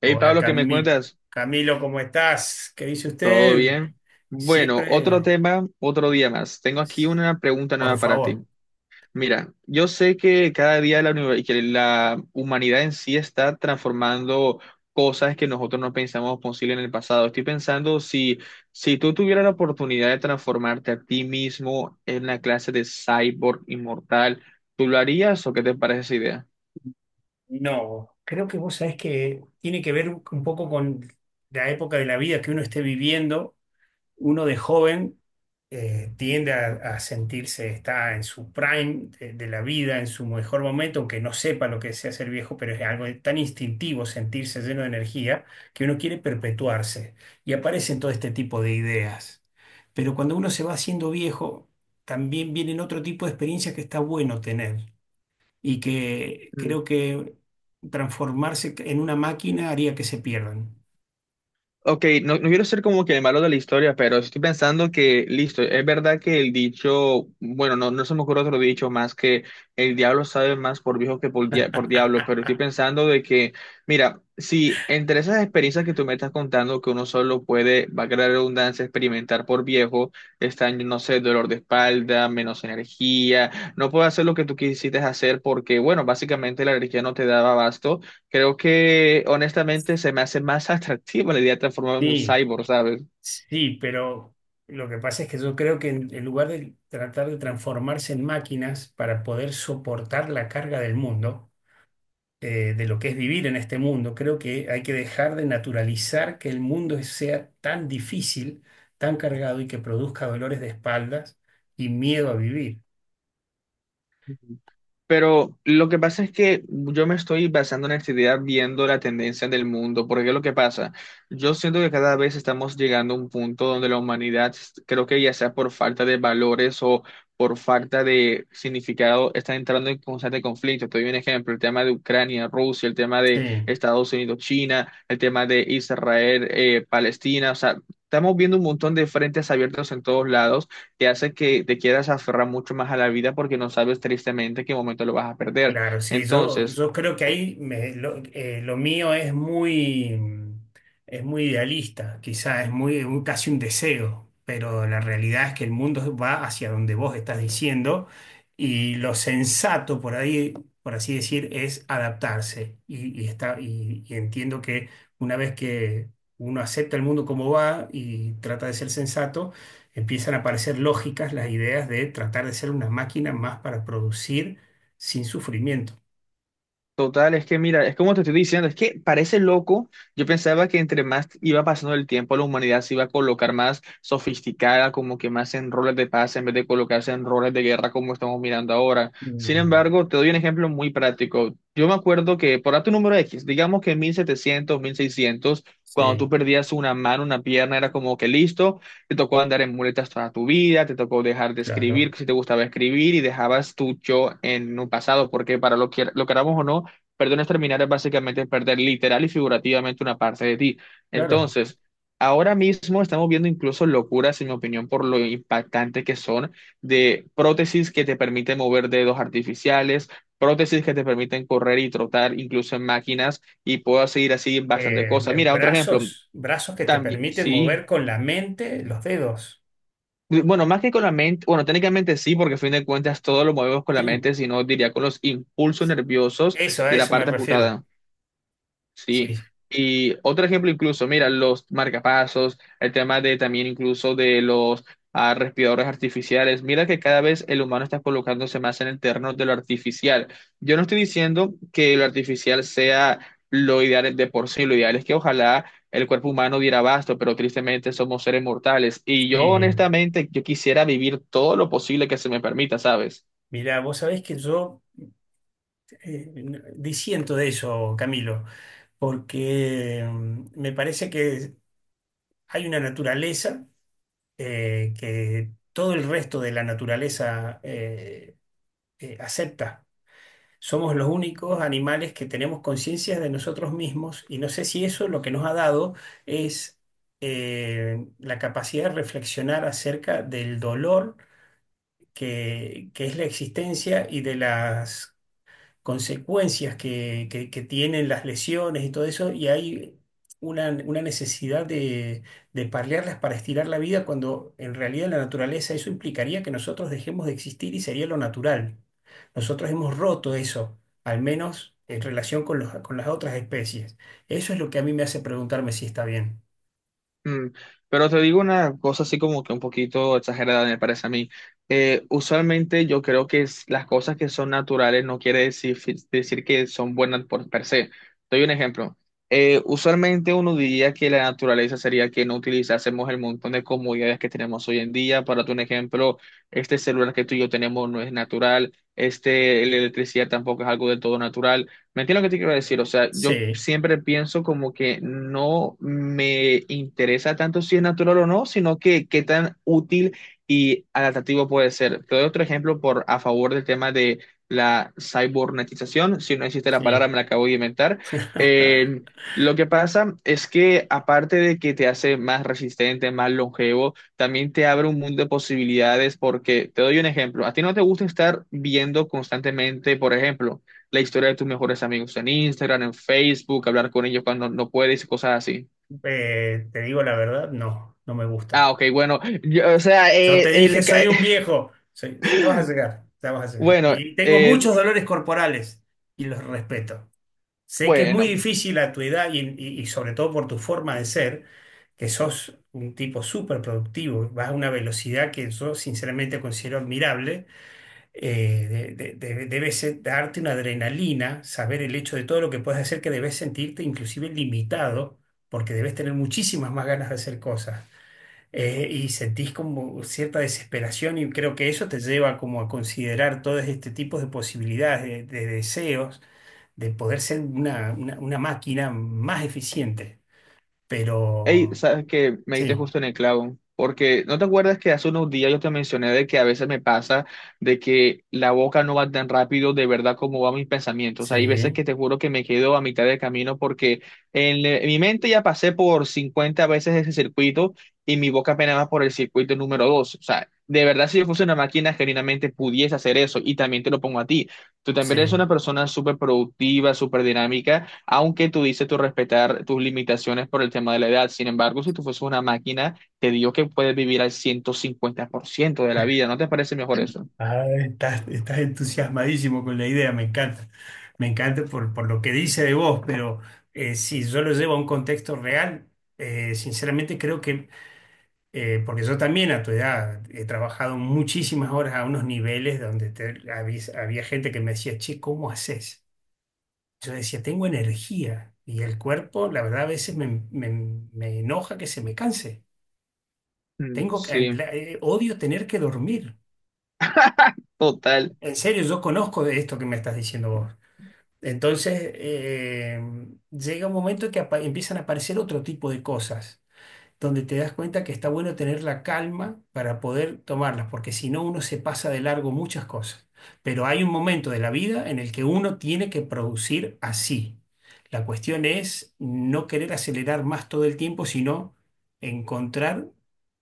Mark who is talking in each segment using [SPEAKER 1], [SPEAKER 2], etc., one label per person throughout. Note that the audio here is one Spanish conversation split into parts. [SPEAKER 1] Hey
[SPEAKER 2] Hola
[SPEAKER 1] Pablo, ¿qué me
[SPEAKER 2] Camilo,
[SPEAKER 1] cuentas?
[SPEAKER 2] Camilo, ¿cómo estás? ¿Qué dice
[SPEAKER 1] ¿Todo
[SPEAKER 2] usted?
[SPEAKER 1] bien? Bueno, otro
[SPEAKER 2] Siempre,
[SPEAKER 1] tema, otro día más. Tengo aquí una pregunta
[SPEAKER 2] por
[SPEAKER 1] nueva para
[SPEAKER 2] favor.
[SPEAKER 1] ti. Mira, yo sé que cada día que la humanidad en sí está transformando cosas que nosotros no pensamos posible en el pasado. Estoy pensando si tú tuvieras la oportunidad de transformarte a ti mismo en una clase de cyborg inmortal, ¿tú lo harías o qué te parece esa idea?
[SPEAKER 2] No, creo que vos sabés que tiene que ver un poco con la época de la vida que uno esté viviendo. Uno de joven tiende a sentirse, está en su prime de la vida, en su mejor momento, aunque no sepa lo que sea ser viejo, pero es algo tan instintivo sentirse lleno de energía que uno quiere perpetuarse y aparecen todo este tipo de ideas. Pero cuando uno se va haciendo viejo, también vienen otro tipo de experiencias que está bueno tener y que creo que transformarse en una máquina haría que se pierdan.
[SPEAKER 1] Ok, no, no quiero ser como que el malo de la historia, pero estoy pensando que, listo, es verdad que el dicho, bueno, no, no se me ocurre otro dicho más que el diablo sabe más por viejo que por diablo, pero estoy pensando de que, mira, si entre esas experiencias que tú me estás contando, que uno solo puede, va a crear redundancia, experimentar por viejo, están, no sé, dolor de espalda, menos energía, no puedes hacer lo que tú quisiste hacer porque, bueno, básicamente la energía no te daba abasto. Creo que honestamente se me hace más atractiva la idea de transformarme en un
[SPEAKER 2] Sí.
[SPEAKER 1] cyborg, ¿sabes?
[SPEAKER 2] Sí, pero lo que pasa es que yo creo que en lugar de tratar de transformarse en máquinas para poder soportar la carga del mundo, de lo que es vivir en este mundo, creo que hay que dejar de naturalizar que sea tan difícil, tan cargado y que produzca dolores de espaldas y miedo a vivir.
[SPEAKER 1] Pero lo que pasa es que yo me estoy basando en esta idea viendo la tendencia del mundo, porque es lo que pasa. Yo siento que cada vez estamos llegando a un punto donde la humanidad, creo que ya sea por falta de valores o por falta de significado, está entrando en constante conflicto. Te doy un ejemplo, el tema de Ucrania, Rusia, el tema de
[SPEAKER 2] Sí.
[SPEAKER 1] Estados Unidos, China, el tema de Israel, Palestina, o sea, estamos viendo un montón de frentes abiertos en todos lados te hace que te quieras aferrar mucho más a la vida porque no sabes tristemente qué momento lo vas a perder.
[SPEAKER 2] Claro, sí, yo,
[SPEAKER 1] Entonces,
[SPEAKER 2] yo creo que lo mío es muy, es muy idealista, quizás es muy, casi un deseo, pero la realidad es que el mundo va hacia donde vos estás diciendo y lo sensato por ahí, por así decir, es adaptarse. Y está, y entiendo que una vez que uno acepta el mundo como va y trata de ser sensato, empiezan a aparecer lógicas las ideas de tratar de ser una máquina más para producir sin sufrimiento.
[SPEAKER 1] total, es que mira, es como te estoy diciendo, es que parece loco. Yo pensaba que entre más iba pasando el tiempo, la humanidad se iba a colocar más sofisticada, como que más en roles de paz, en vez de colocarse en roles de guerra como estamos mirando ahora. Sin
[SPEAKER 2] Mm,
[SPEAKER 1] embargo, te doy un ejemplo muy práctico. Yo me acuerdo que, por darte un número X, digamos que en 1700 1600 cuando tú
[SPEAKER 2] sí,
[SPEAKER 1] perdías una mano, una pierna, era como que listo, te tocó andar en muletas toda tu vida, te tocó dejar de escribir,
[SPEAKER 2] claro,
[SPEAKER 1] si te gustaba escribir, y dejabas tu yo en un pasado, porque para lo que lo queramos o no, perdones terminar es básicamente perder literal y figurativamente una parte de ti.
[SPEAKER 2] claro.
[SPEAKER 1] Entonces, ahora mismo estamos viendo incluso locuras, en mi opinión, por lo impactante que son de prótesis que te permiten mover dedos artificiales, prótesis que te permiten correr y trotar incluso en máquinas y puedo seguir así bastante
[SPEAKER 2] Eh,
[SPEAKER 1] cosas.
[SPEAKER 2] eh,
[SPEAKER 1] Mira, otro ejemplo,
[SPEAKER 2] brazos, brazos que te
[SPEAKER 1] también,
[SPEAKER 2] permiten
[SPEAKER 1] sí.
[SPEAKER 2] mover con la mente los dedos.
[SPEAKER 1] Bueno, más que con la mente, bueno, técnicamente sí, porque a fin de cuentas todo lo movemos con la
[SPEAKER 2] Sí,
[SPEAKER 1] mente, sino diría con los impulsos nerviosos
[SPEAKER 2] eso, a
[SPEAKER 1] de la
[SPEAKER 2] eso me
[SPEAKER 1] parte
[SPEAKER 2] refiero.
[SPEAKER 1] amputada. Sí,
[SPEAKER 2] Sí,
[SPEAKER 1] y otro ejemplo incluso, mira, los marcapasos, el tema de también incluso de los respiradores artificiales, mira que cada vez el humano está colocándose más en el terreno de lo artificial. Yo no estoy diciendo que lo artificial sea lo ideal de por sí, lo ideal es que ojalá el cuerpo humano diera abasto, pero tristemente somos seres mortales y yo
[SPEAKER 2] sí.
[SPEAKER 1] honestamente, yo quisiera vivir todo lo posible que se me permita, ¿sabes?
[SPEAKER 2] Mirá, vos sabés que yo, disiento de eso, Camilo, porque me parece que hay una naturaleza que todo el resto de la naturaleza acepta. Somos los únicos animales que tenemos conciencia de nosotros mismos y no sé si eso lo que nos ha dado es la capacidad de reflexionar acerca del dolor que es la existencia y de las consecuencias que tienen las lesiones y todo eso, y hay una necesidad de paliarlas para estirar la vida cuando en realidad en la naturaleza eso implicaría que nosotros dejemos de existir y sería lo natural. Nosotros hemos roto eso, al menos en relación con con las otras especies. Eso es lo que a mí me hace preguntarme si está bien.
[SPEAKER 1] Mm. Pero te digo una cosa así como que un poquito exagerada, me parece a mí. Usualmente yo creo que las cosas que son naturales no quiere decir, decir que son buenas por per se. Doy un ejemplo. Usualmente uno diría que la naturaleza sería que no utilizásemos el montón de comodidades que tenemos hoy en día. Para tu ejemplo, este celular que tú y yo tenemos no es natural, este, la electricidad tampoco es algo del todo natural. ¿Me entiendes lo que te quiero decir? O sea, yo
[SPEAKER 2] Sí,
[SPEAKER 1] siempre pienso como que no me interesa tanto si es natural o no, sino que qué tan útil y adaptativo puede ser. Te doy otro ejemplo por a favor del tema de la cibernetización. Si no existe la palabra,
[SPEAKER 2] sí.
[SPEAKER 1] me la acabo de inventar. Eh, lo que pasa es que aparte de que te hace más resistente, más longevo, también te abre un mundo de posibilidades porque te doy un ejemplo. A ti no te gusta estar viendo constantemente, por ejemplo la historia de tus mejores amigos en Instagram, en Facebook, hablar con ellos cuando no puedes cosas así.
[SPEAKER 2] Te digo la verdad, no, no me
[SPEAKER 1] Ah,
[SPEAKER 2] gusta.
[SPEAKER 1] ok, bueno, o sea,
[SPEAKER 2] Yo te dije, soy un viejo. Ya vas a llegar, ya vas a llegar.
[SPEAKER 1] bueno,
[SPEAKER 2] Y tengo muchos
[SPEAKER 1] eh,
[SPEAKER 2] dolores corporales y los respeto. Sé que es muy
[SPEAKER 1] bueno,
[SPEAKER 2] difícil a tu edad y sobre todo por tu forma de ser, que sos un tipo súper productivo, vas a una velocidad que yo sinceramente considero admirable. Eh, Debe darte una adrenalina, saber el hecho de todo lo que puedes hacer, que debes sentirte inclusive limitado, porque debes tener muchísimas más ganas de hacer cosas. Y sentís como cierta desesperación y creo que eso te lleva como a considerar todo este tipo de posibilidades, de deseos, de poder ser una máquina más eficiente.
[SPEAKER 1] hey,
[SPEAKER 2] Pero
[SPEAKER 1] sabes que me diste
[SPEAKER 2] sí,
[SPEAKER 1] justo en el clavo, porque ¿no te acuerdas que hace unos días yo te mencioné de que a veces me pasa de que la boca no va tan rápido de verdad como van mis pensamientos? Hay veces
[SPEAKER 2] sí,
[SPEAKER 1] que te juro que me quedo a mitad de camino porque en mi mente ya pasé por 50 veces ese circuito y mi boca apenas va por el circuito número 2. O sea, de verdad si yo fuese una máquina genuinamente pudiese hacer eso y también te lo pongo a ti. Tú también eres una
[SPEAKER 2] sí.
[SPEAKER 1] persona súper productiva, súper dinámica aunque tuviste tu respetar tus limitaciones por el tema de la edad. Sin embargo, si tú fueses una máquina, te digo que puedes vivir al 150% de la vida. ¿No te parece mejor eso?
[SPEAKER 2] Ah, estás, estás entusiasmadísimo con la idea, me encanta. Me encanta por lo que dice de vos, pero si yo lo llevo a un contexto real, sinceramente creo que... porque yo también a tu edad he trabajado muchísimas horas a unos niveles donde había, había gente que me decía, che, ¿cómo haces? Yo decía, tengo energía y el cuerpo, la verdad, a veces me enoja que se me canse.
[SPEAKER 1] Mm.
[SPEAKER 2] Tengo,
[SPEAKER 1] Sí,
[SPEAKER 2] odio tener que dormir.
[SPEAKER 1] total.
[SPEAKER 2] En serio, yo conozco de esto que me estás diciendo vos. Entonces, llega un momento que empiezan a aparecer otro tipo de cosas donde te das cuenta que está bueno tener la calma para poder tomarlas, porque si no uno se pasa de largo muchas cosas. Pero hay un momento de la vida en el que uno tiene que producir así. La cuestión es no querer acelerar más todo el tiempo, sino encontrar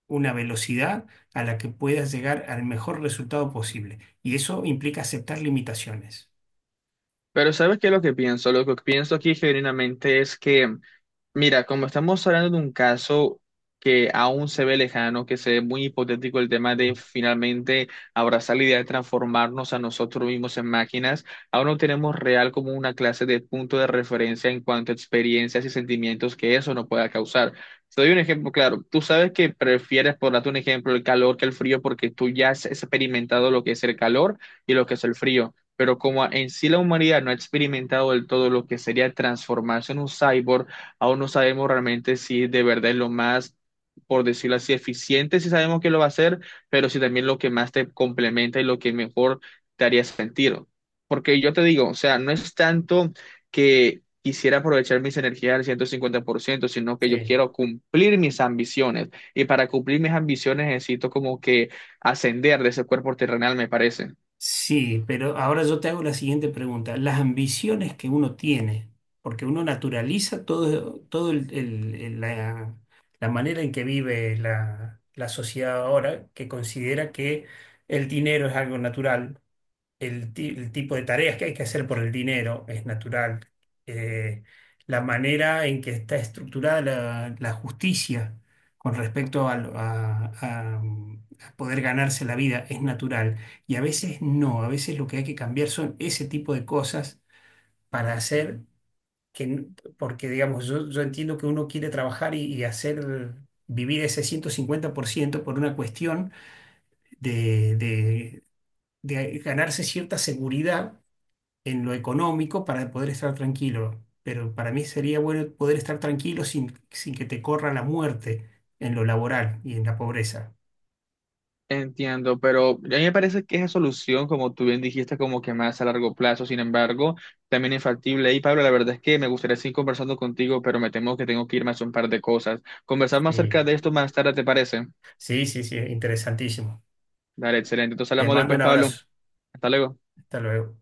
[SPEAKER 2] una velocidad a la que puedas llegar al mejor resultado posible. Y eso implica aceptar limitaciones.
[SPEAKER 1] Pero ¿sabes qué es lo que pienso? Lo que pienso aquí genuinamente es que, mira, como estamos hablando de un caso que aún se ve lejano, que se ve muy hipotético el tema de
[SPEAKER 2] Sí,
[SPEAKER 1] finalmente abrazar la idea de transformarnos a nosotros mismos en máquinas, aún no tenemos real como una clase de punto de referencia en cuanto a experiencias y sentimientos que eso nos pueda causar. Te doy un ejemplo claro. Tú sabes que prefieres, por darte un ejemplo, el calor que el frío porque tú ya has experimentado lo que es el calor y lo que es el frío pero como en sí la humanidad no ha experimentado del todo lo que sería transformarse en un cyborg, aún no sabemos realmente si de verdad es lo más, por decirlo así, eficiente, si sabemos que lo va a hacer, pero si también lo que más te complementa y lo que mejor te haría sentir. Porque yo te digo, o sea, no es tanto que quisiera aprovechar mis energías al 150% sino que yo
[SPEAKER 2] sí.
[SPEAKER 1] quiero cumplir mis ambiciones. Y para cumplir mis ambiciones necesito como que ascender de ese cuerpo terrenal, me parece.
[SPEAKER 2] Sí, pero ahora yo te hago la siguiente pregunta. Las ambiciones que uno tiene, porque uno naturaliza todo, la manera en que vive la, la sociedad ahora, que considera que el dinero es algo natural, el tipo de tareas que hay que hacer por el dinero es natural. Eh, la manera en que está estructurada la, la justicia con respecto a poder ganarse la vida es natural. Y a veces no, a veces lo que hay que cambiar son ese tipo de cosas para hacer que, n- porque digamos, yo entiendo que uno quiere trabajar y hacer... vivir ese 150% por ciento por una cuestión de, de de ganarse cierta seguridad en lo económico para poder estar tranquilo. Pero para mí sería bueno poder estar tranquilo sin, sin que te corra la muerte en lo laboral y en la pobreza.
[SPEAKER 1] Entiendo, pero a mí me parece que esa solución, como tú bien dijiste, como que más a largo plazo, sin embargo, también es. Y Pablo, la verdad es que me gustaría seguir conversando contigo, pero me temo que tengo que irme a hacer un par de cosas. Conversar más acerca
[SPEAKER 2] Sí,
[SPEAKER 1] de esto más tarde, ¿te parece?
[SPEAKER 2] sí, sí, sí, interesantísimo.
[SPEAKER 1] Dale, excelente. Entonces
[SPEAKER 2] Te
[SPEAKER 1] hablamos
[SPEAKER 2] mando
[SPEAKER 1] después,
[SPEAKER 2] un
[SPEAKER 1] Pablo.
[SPEAKER 2] abrazo.
[SPEAKER 1] Hasta luego.
[SPEAKER 2] Hasta luego.